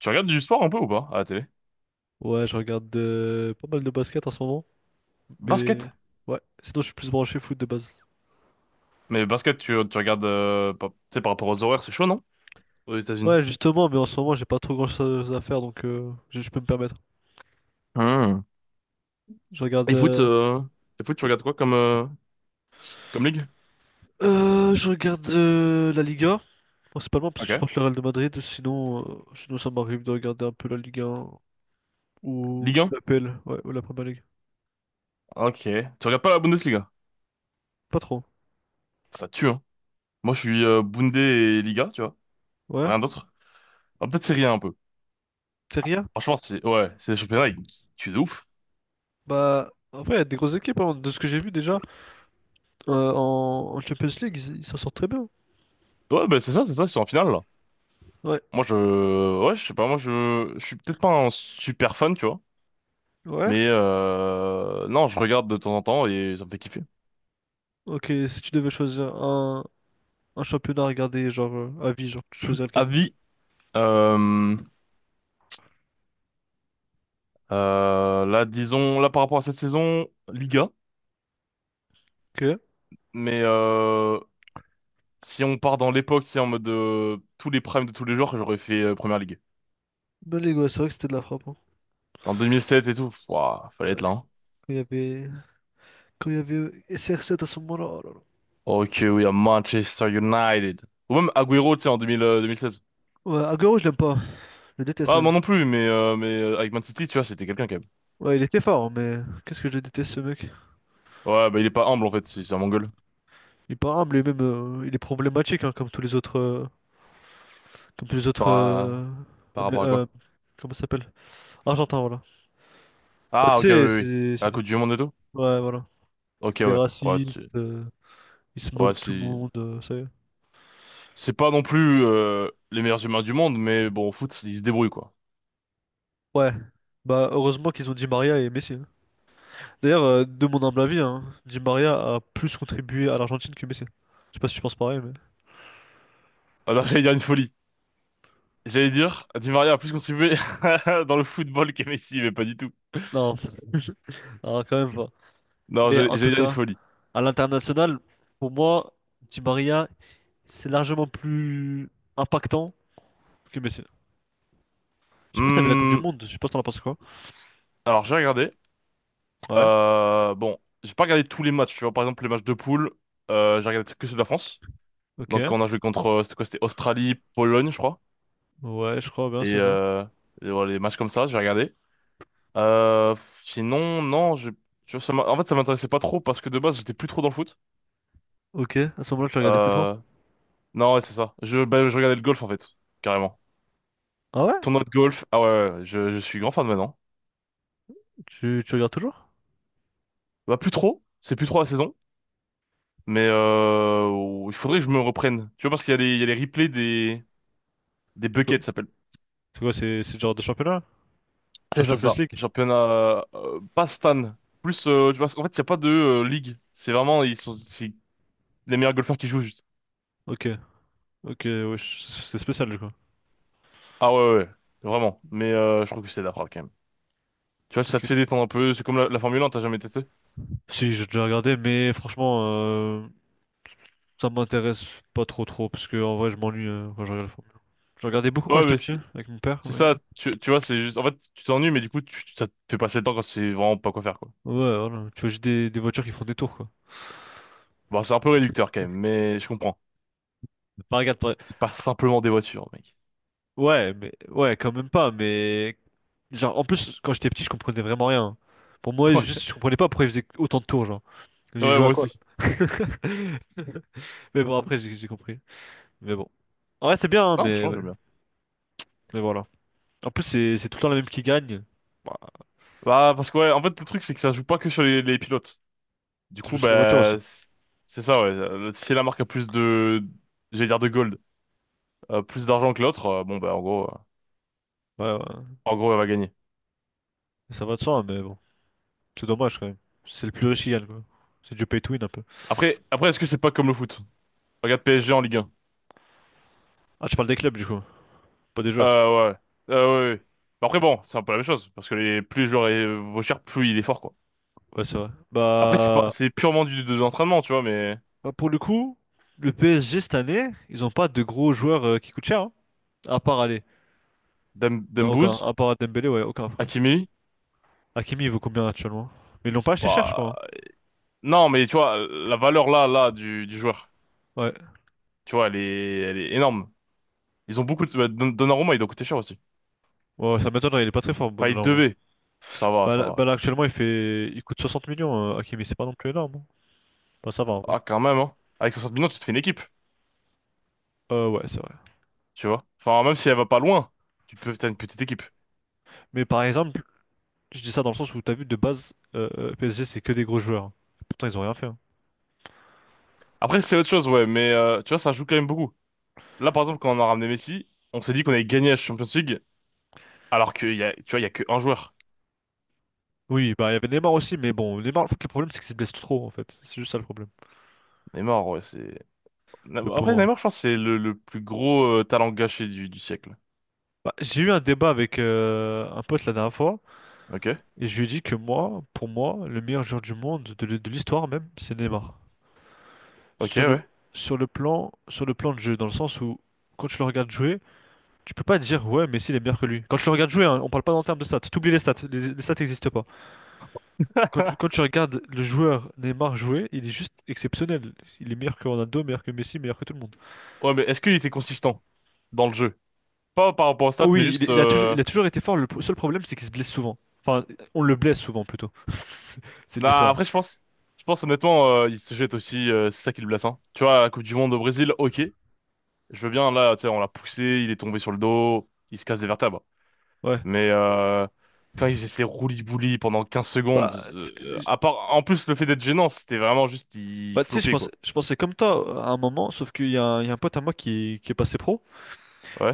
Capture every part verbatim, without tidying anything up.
Tu regardes du sport un peu ou pas à la télé? Ouais, je regarde euh, pas mal de basket en ce moment, mais Basket? ouais, sinon je suis plus branché foot de base. Mais basket, tu, tu regardes, euh, par- tu sais, par rapport aux horaires, c'est chaud, non? Aux États-Unis. Ouais, justement, mais en ce moment j'ai pas trop grand-chose à faire, donc euh, je, je peux me permettre. Hmm. Je regarde, Et foot, euh, euh, et foot, tu regardes quoi comme, euh, comme ligue? euh, je regarde euh, la Liga, principalement parce que je Ok. supporte le Real de Madrid, sinon, euh, sinon ça m'arrive de regarder un peu la Ligue un Ligue ou, ou un? la P L, ouais, ou la Premier League. Ok. Tu regardes pas la Bundesliga? Pas trop, Ça tue, hein. Moi, je suis euh, Bunde et Liga, tu vois. ouais. Rien d'autre. Ah, peut-être Serie A un peu. Serie A? Franchement, c'est, ouais, c'est les championnats, ils tuent de ouf. Bah, en vrai, il y a des grosses équipes, hein, de ce que j'ai vu déjà, euh, en, en Champions League, ils ils s'en sortent très bien. Ouais, ben c'est ça, c'est ça, c'est en finale, là. Ouais. Moi, je, ouais, je sais pas. Moi, je, je suis peut-être pas un super fan, tu vois. Ouais, Mais, euh, non, je regarde de temps en temps et ça me fait kiffer. ok, si tu devais choisir un, un championnat à regarder, genre euh, à vie, genre tu choisirais lequel? Avis, euh, euh, là, disons, là, par rapport à cette saison, Liga, Ok. mais euh, si on part dans l'époque, c'est en mode de tous les primes de tous les joueurs, j'aurais fait euh, Première Ligue. Ben les gars, c'est vrai que c'était de la frappe, hein. En deux mille sept et tout, pff, ouah, fallait être Ouais. là, hein. Quand il y avait, Quand il y avait euh, S R sept à ce moment-là, oh là là. Ok, oui, à Manchester United. Ou même Agüero, tu sais, en deux mille, euh, deux mille seize. Ouais, Agüero, je l'aime pas. Je le déteste Ah, même. moi non plus, mais, euh, mais euh, avec Man City, tu vois, c'était quelqu'un quand même. Ouais, il était fort, hein, mais qu'est-ce que je le déteste ce mec. Ouais, bah il est pas humble en fait, c'est c'est un mongol. Il est pas humble lui-même, euh, il est problématique, hein, comme tous les autres. euh, comme tous les autres. Par, euh, à- par Amé- rapport à euh, quoi? Comment ça s'appelle? Argentin, voilà. Bah, Ah, tu ok, oui, sais, oui, oui. c'est À c'est la des. Coupe du Monde et tout? Ouais, voilà. Ok, Des ouais. Ouais, racistes, tu... euh, ils se ouais, moquent de tout le si. monde, euh, ça y est. C'est pas non plus euh, les meilleurs humains du monde, mais bon, au foot, ils se débrouillent, quoi. Ouais, bah heureusement qu'ils ont Di Maria et Messi, hein. D'ailleurs, euh, de mon humble avis, hein, Di Maria a plus contribué à l'Argentine que Messi. Je sais pas si tu penses pareil, mais... Alors, j'allais dire une folie. J'allais dire, Di Maria a plus contribué dans le football que Messi, mais pas du tout. Non, non, quand même pas. Non, Mais j'allais en j'allais tout dire une cas, folie. à l'international, pour moi, Di Maria, c'est largement plus impactant que Messi. Je sais pas si t'as vu la Coupe du Hmm, Monde, je sais pas si t'en as pensé quoi. alors, j'ai regardé. Ouais, Euh, bon, j'ai pas regardé tous les matchs, tu vois. Par exemple, les matchs de poule, euh, j'ai regardé que ceux de la France. Donc, ok. quand on a joué contre, euh, c'était quoi? C'était Australie, Pologne, je crois. Ouais, je crois bien, Et, c'est ça. euh, et voilà, les matchs comme ça, j'ai regardé. Euh, Sinon, non, je, tu vois, ça m'a- en fait, ça m'intéressait pas trop parce que de base, j'étais plus trop dans le foot. Ok, à ce moment-là, tu regardais plus trop. Euh... Non, ouais, c'est ça. Je, bah, je regardais le golf en fait, carrément. Ah ouais? Tournoi de golf. Ah, ouais, ouais, ouais. Je, je suis grand fan maintenant. Tu, tu regardes toujours? Bah plus trop, c'est plus trop la saison, mais euh... il faudrait que je me reprenne. Tu vois parce qu'il y a les, il y a les replays des des C'est quoi? buckets, ça s'appelle. C'est quoi, c'est c'est le genre de championnat? Tu as C'est ça, Champions ça. League? Championnat, euh, pas Stan. Plus, euh, parce qu'en fait, il y a pas de euh, ligue. C'est vraiment, ils sont, c'est les meilleurs golfeurs qui jouent juste. Ok. Ok, ouais, je- c'est spécial, quoi. Ah, ouais, ouais, ouais. Vraiment. Mais euh, je trouve que c'est d'après quand même. Tu vois, ça te Ok. fait détendre un peu. C'est comme la, la Formule un, t'as jamais testé? Si, j'ai déjà regardé, mais franchement, euh, ça m'intéresse pas trop trop, parce que en vrai, je m'ennuie euh, quand je regarde la Formule un. Je regardais beaucoup quand Ouais, j'étais mais petit, c'est- avec mon père, c'est mais... ça. Tu, tu vois, c'est juste, en fait, tu t'ennuies, mais du coup, tu, tu- ça te fait passer le temps quand c'est vraiment pas quoi faire, quoi. Ouais, voilà. Tu vois, j'ai des, des voitures qui font des tours, quoi. Bon, c'est un peu réducteur quand même, mais je comprends. Pas regarde, pas... C'est pas simplement des voitures, mec. Ouais, mais... Ouais, quand même pas, mais... Genre, en plus, quand j'étais petit, je comprenais vraiment rien. Pour moi, juste, je comprenais pas pourquoi ils faisaient autant de tours, genre. Ouais, J'ai ouais, joué à moi quoi, là? aussi. Mais bon, après, j'ai j'ai compris. Mais bon. En vrai, c'est bien, hein, Non, mais... franchement, j'aime bien. Mais voilà. En plus, c'est c'est tout le temps la même qui gagne. Bah, Bah, parce que ouais, en fait, le truc, c'est que ça joue pas que sur les, les pilotes. Du je me coup, souviens de la voiture aussi. bah, c'est c'est ça, ouais. Euh, Si la marque a plus de, j'allais dire de gold, euh, plus d'argent que l'autre, euh, bon, bah, en gros, euh, Ouais, ouais. en gros, elle va gagner. Ça va de soi, mais bon. C'est dommage quand même. C'est le plus riche qui gagne, quoi. C'est du pay to win un peu. Après, après, est-ce que c'est pas comme le foot? Regarde P S G en Ligue. Ah, tu parles des clubs du coup, pas des joueurs. Euh, ouais. Euh, ouais, ouais. Mais après, bon, c'est un peu la même chose, parce que les, plus le joueur est- vaut cher, plus il est fort, quoi. Ouais, c'est vrai. Après, c'est pas, Bah, c'est purement du, de l'entraînement, tu vois, mais Bah, pour le coup, le P S G cette année, ils ont pas de gros joueurs euh, qui coûtent cher, hein. À part aller. Dem- Non, aucun. Dembouz, À part Dembélé, ouais, aucun frère. Hakimi, Hakimi, il vaut combien actuellement? Mais ils l'ont pas acheté cher, je bah, crois, hein. non, mais tu vois, la valeur là, là, du, du joueur, Ouais. tu vois, elle est, elle est énorme. Ils ont beaucoup de, bah, Don- Donnarumma, il doit coûter cher aussi. Ouais, ouais, ça m'étonnerait, il est pas très fort, bon, Enfin, il normalement. devait. Ça va, Bah ça là, bah, va. Là, actuellement, il fait. Il coûte soixante millions, euh, Hakimi, c'est pas non plus énorme, hein. Bah, ça va, ouais. Ah, quand même, hein. Avec soixante millions, tu te fais une équipe, Euh, ouais, c'est vrai. tu vois. Enfin, même si elle va pas loin, tu peux, t'as une petite équipe. Mais par exemple, je dis ça dans le sens où t'as vu de base, euh, euh, P S G c'est que des gros joueurs. Pourtant ils ont rien fait, hein. Après, c'est autre chose, ouais, mais, euh, tu vois, ça joue quand même beaucoup. Là, par exemple, quand on a ramené Messi, on s'est dit qu'on allait gagner la Champions League, alors qu'il y a, tu vois, il y a que un joueur. Oui, bah il y avait Neymar aussi, mais bon, Neymar, en fait, le problème c'est qu'il se blesse trop en fait. C'est juste ça le problème, Neymar, ouais, c'est. le Après, pauvre. Neymar, je pense, que c'est le, le plus gros euh, talent gâché du, du siècle. Bah, j'ai eu un débat avec euh, un pote la dernière fois Ok, et je lui ai dit que moi, pour moi, le meilleur joueur du monde, de, l'hi- de l'histoire même, c'est Neymar. ok, Sur le, ouais. Sur le plan, sur le plan de jeu, dans le sens où quand tu le regardes jouer, tu peux pas dire ouais, Messi il est meilleur que lui. Quand tu le regardes jouer, hein, on parle pas en termes de stats. T'oublies les stats, les, les stats n'existent pas. Quand tu, quand tu regardes le joueur Neymar jouer, il est juste exceptionnel. Il est meilleur que Ronaldo, meilleur que Messi, meilleur que tout le monde. Ouais, mais est-ce qu'il était consistant dans le jeu? Pas par rapport aux Oh stats, mais oui, juste. il, il a toujours, Euh... il a toujours été fort. Le pro- seul problème, c'est qu'il se blesse souvent. Enfin, on le blesse souvent plutôt. C'est c'est Nah, différent. après, je pense, je pense honnêtement, euh, il se jette aussi, euh, c'est ça qui le blesse, hein. Tu vois, la Coupe du Monde au Brésil, ok, je veux bien. Là, tu sais, on l'a poussé, il est tombé sur le dos, il se casse des vertèbres. Ouais. Mais euh, quand ils essaient roulis-bouli pendant quinze secondes, Bah, t- euh, je- à part, en plus le fait d'être gênant, c'était vraiment juste ils Bah, tu sais, je floppaient, pense, quoi. je pensais comme toi euh, à un moment, sauf qu'il y a, un il y a un pote à moi qui, est- qui est passé pro.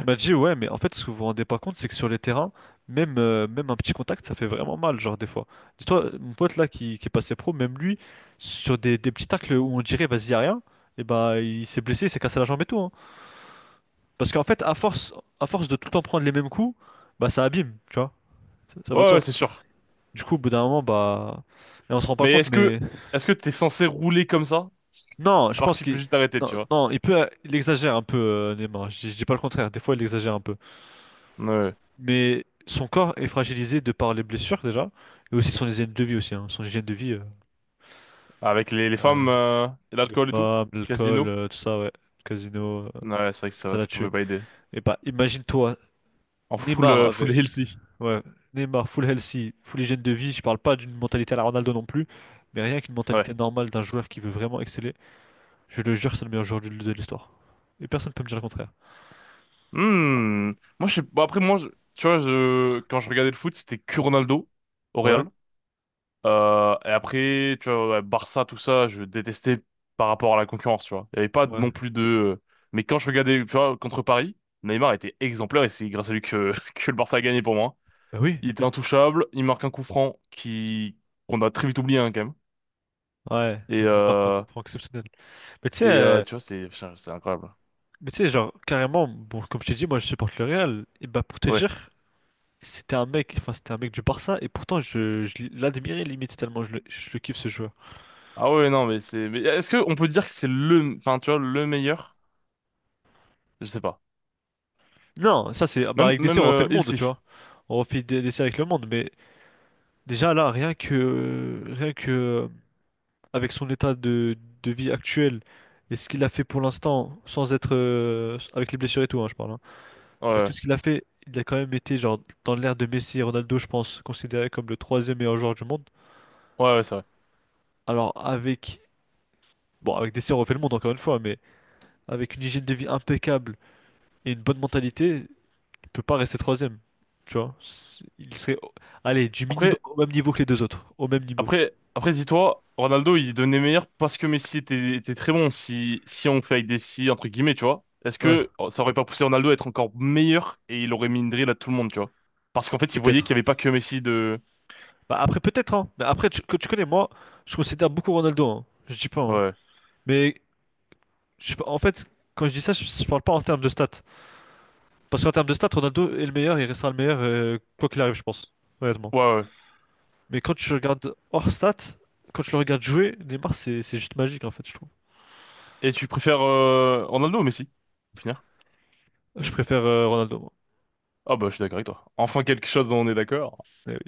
Il m'a dit, ouais, mais en fait, ce que vous vous rendez pas compte, c'est que sur les terrains, même, euh, même un petit contact, ça fait vraiment mal, genre, des fois. Dis-toi, mon pote là qui, qui est passé pro, même lui, sur des, des petits tacles où on dirait, vas-y, y a rien, et bah, il s'est blessé, il s'est cassé la jambe et tout, hein. Parce qu'en fait, à force, à force de tout le temps prendre les mêmes coups, bah, ça abîme, tu vois. Ça, ça va de ouais, ouais, soi. c'est sûr. Du coup, au bout d'un moment, bah. Et on se rend pas Mais compte, est-ce que mais. est-ce que t'es censé rouler comme ça Non, je alors que pense tu peux qu'il. juste t'arrêter, tu Non, vois? non, il peut. Il exagère un peu, euh, Neymar. Je, je dis pas le contraire. Des fois, il exagère un peu. Ouais. Ouais. Mais son corps est fragilisé de par les blessures déjà, et aussi son hygiène de vie aussi, hein. Son hygiène de vie, euh, Avec les, les euh, femmes euh, et les l'alcool et tout, femmes, l'alcool, casino. euh, tout ça, ouais, le casino, euh, Ouais, c'est vrai que ça ça, l'a ça pouvait tué. pas aider. Et bah imagine-toi, En full Neymar euh, full avait, healthy. ouais, Neymar full healthy, full hygiène de vie. Je parle pas d'une mentalité à la Ronaldo non plus, mais rien qu'une Ouais. mentalité normale d'un joueur qui veut vraiment exceller. Je le jure, c'est le meilleur joueur du- de l'histoire. Et personne peut me dire le contraire. Hmm. Moi je sais- bon, après moi je- tu vois je quand je regardais le foot, c'était que Ronaldo au Ouais, Real. Euh, et après, tu vois, ouais, Barça, tout ça, je détestais par rapport à la concurrence, tu vois. Il n'y avait pas ouais, non plus de... euh, Mais quand je regardais, tu vois, contre Paris, Neymar était exemplaire et c'est grâce à lui que, que le Barça a gagné pour moi. bah oui, Il était intouchable, il marque un coup franc qui qu'on a très vite oublié, hein, quand même. ouais, Et, une marque euh... exceptionnelle. Mais tu sais. et euh, euh, tu vois, c'est putain, c'est incroyable. Mais tu sais, genre, carrément, bon, comme je t'ai dit, moi je supporte le Real. Et bah pour te Ouais. dire, c'était un mec, enfin c'était un mec du Barça, et pourtant je, je l'admirais limite tellement je le, je le kiffe ce joueur. Ah ouais, non, mais c'est... Mais est-ce que on peut dire que c'est le... Enfin, tu vois, le meilleur? Je sais pas. Non, ça c'est. Ah, bah Même, avec D C même on refait euh, le monde, tu Ilsi. vois. On refait des- D C avec le monde, mais déjà là, rien que rien que euh, avec son état de, de vie actuel et ce qu'il a fait pour l'instant, sans être euh, avec les blessures et tout, hein, je parle, hein. Ouais, Avec tout ouais, ce qu'il a fait, il a quand même été genre dans l'ère de Messi et Ronaldo, je pense, considéré comme le troisième meilleur joueur du monde. ouais, ouais, c'est vrai. Alors avec Bon, avec des si on refait le monde encore une fois, mais avec une hygiène de vie impeccable et une bonne mentalité, il peut pas rester troisième. Tu vois? C'est- Il serait, allez, du minimum Après, au même niveau que les deux autres. Au même niveau. Après, après dis-toi, Ronaldo, il devenait meilleur parce que Messi était, était très bon. Si, si on fait avec des si, entre guillemets, tu vois, est-ce Ouais, que oh, ça aurait pas poussé Ronaldo à être encore meilleur et il aurait mis une drill à tout le monde, tu vois? Parce qu'en fait, il voyait qu'il n'y peut-être. avait pas que Messi de... Bah après, peut-être, hein. Mais après, tu, que tu connais, moi, je considère beaucoup Ronaldo, hein. Je dis pas, hein. Ouais, Mais je sais pas- en fait, quand je dis ça, je, je parle pas en termes de stats. Parce qu'en termes de stats, Ronaldo est le meilleur, il restera le meilleur, euh, quoi qu'il arrive, je pense. Honnêtement. ouais, ouais. Mais quand tu regardes hors stats, quand tu le regardes jouer, Neymar, c'est c'est juste magique, en fait, je trouve. Et tu préfères euh, Ronaldo ou Messi? Pour finir? Je préfère euh, Ronaldo, moi. Ah bah, je suis d'accord avec toi. Enfin, quelque chose dont on est d'accord. Mais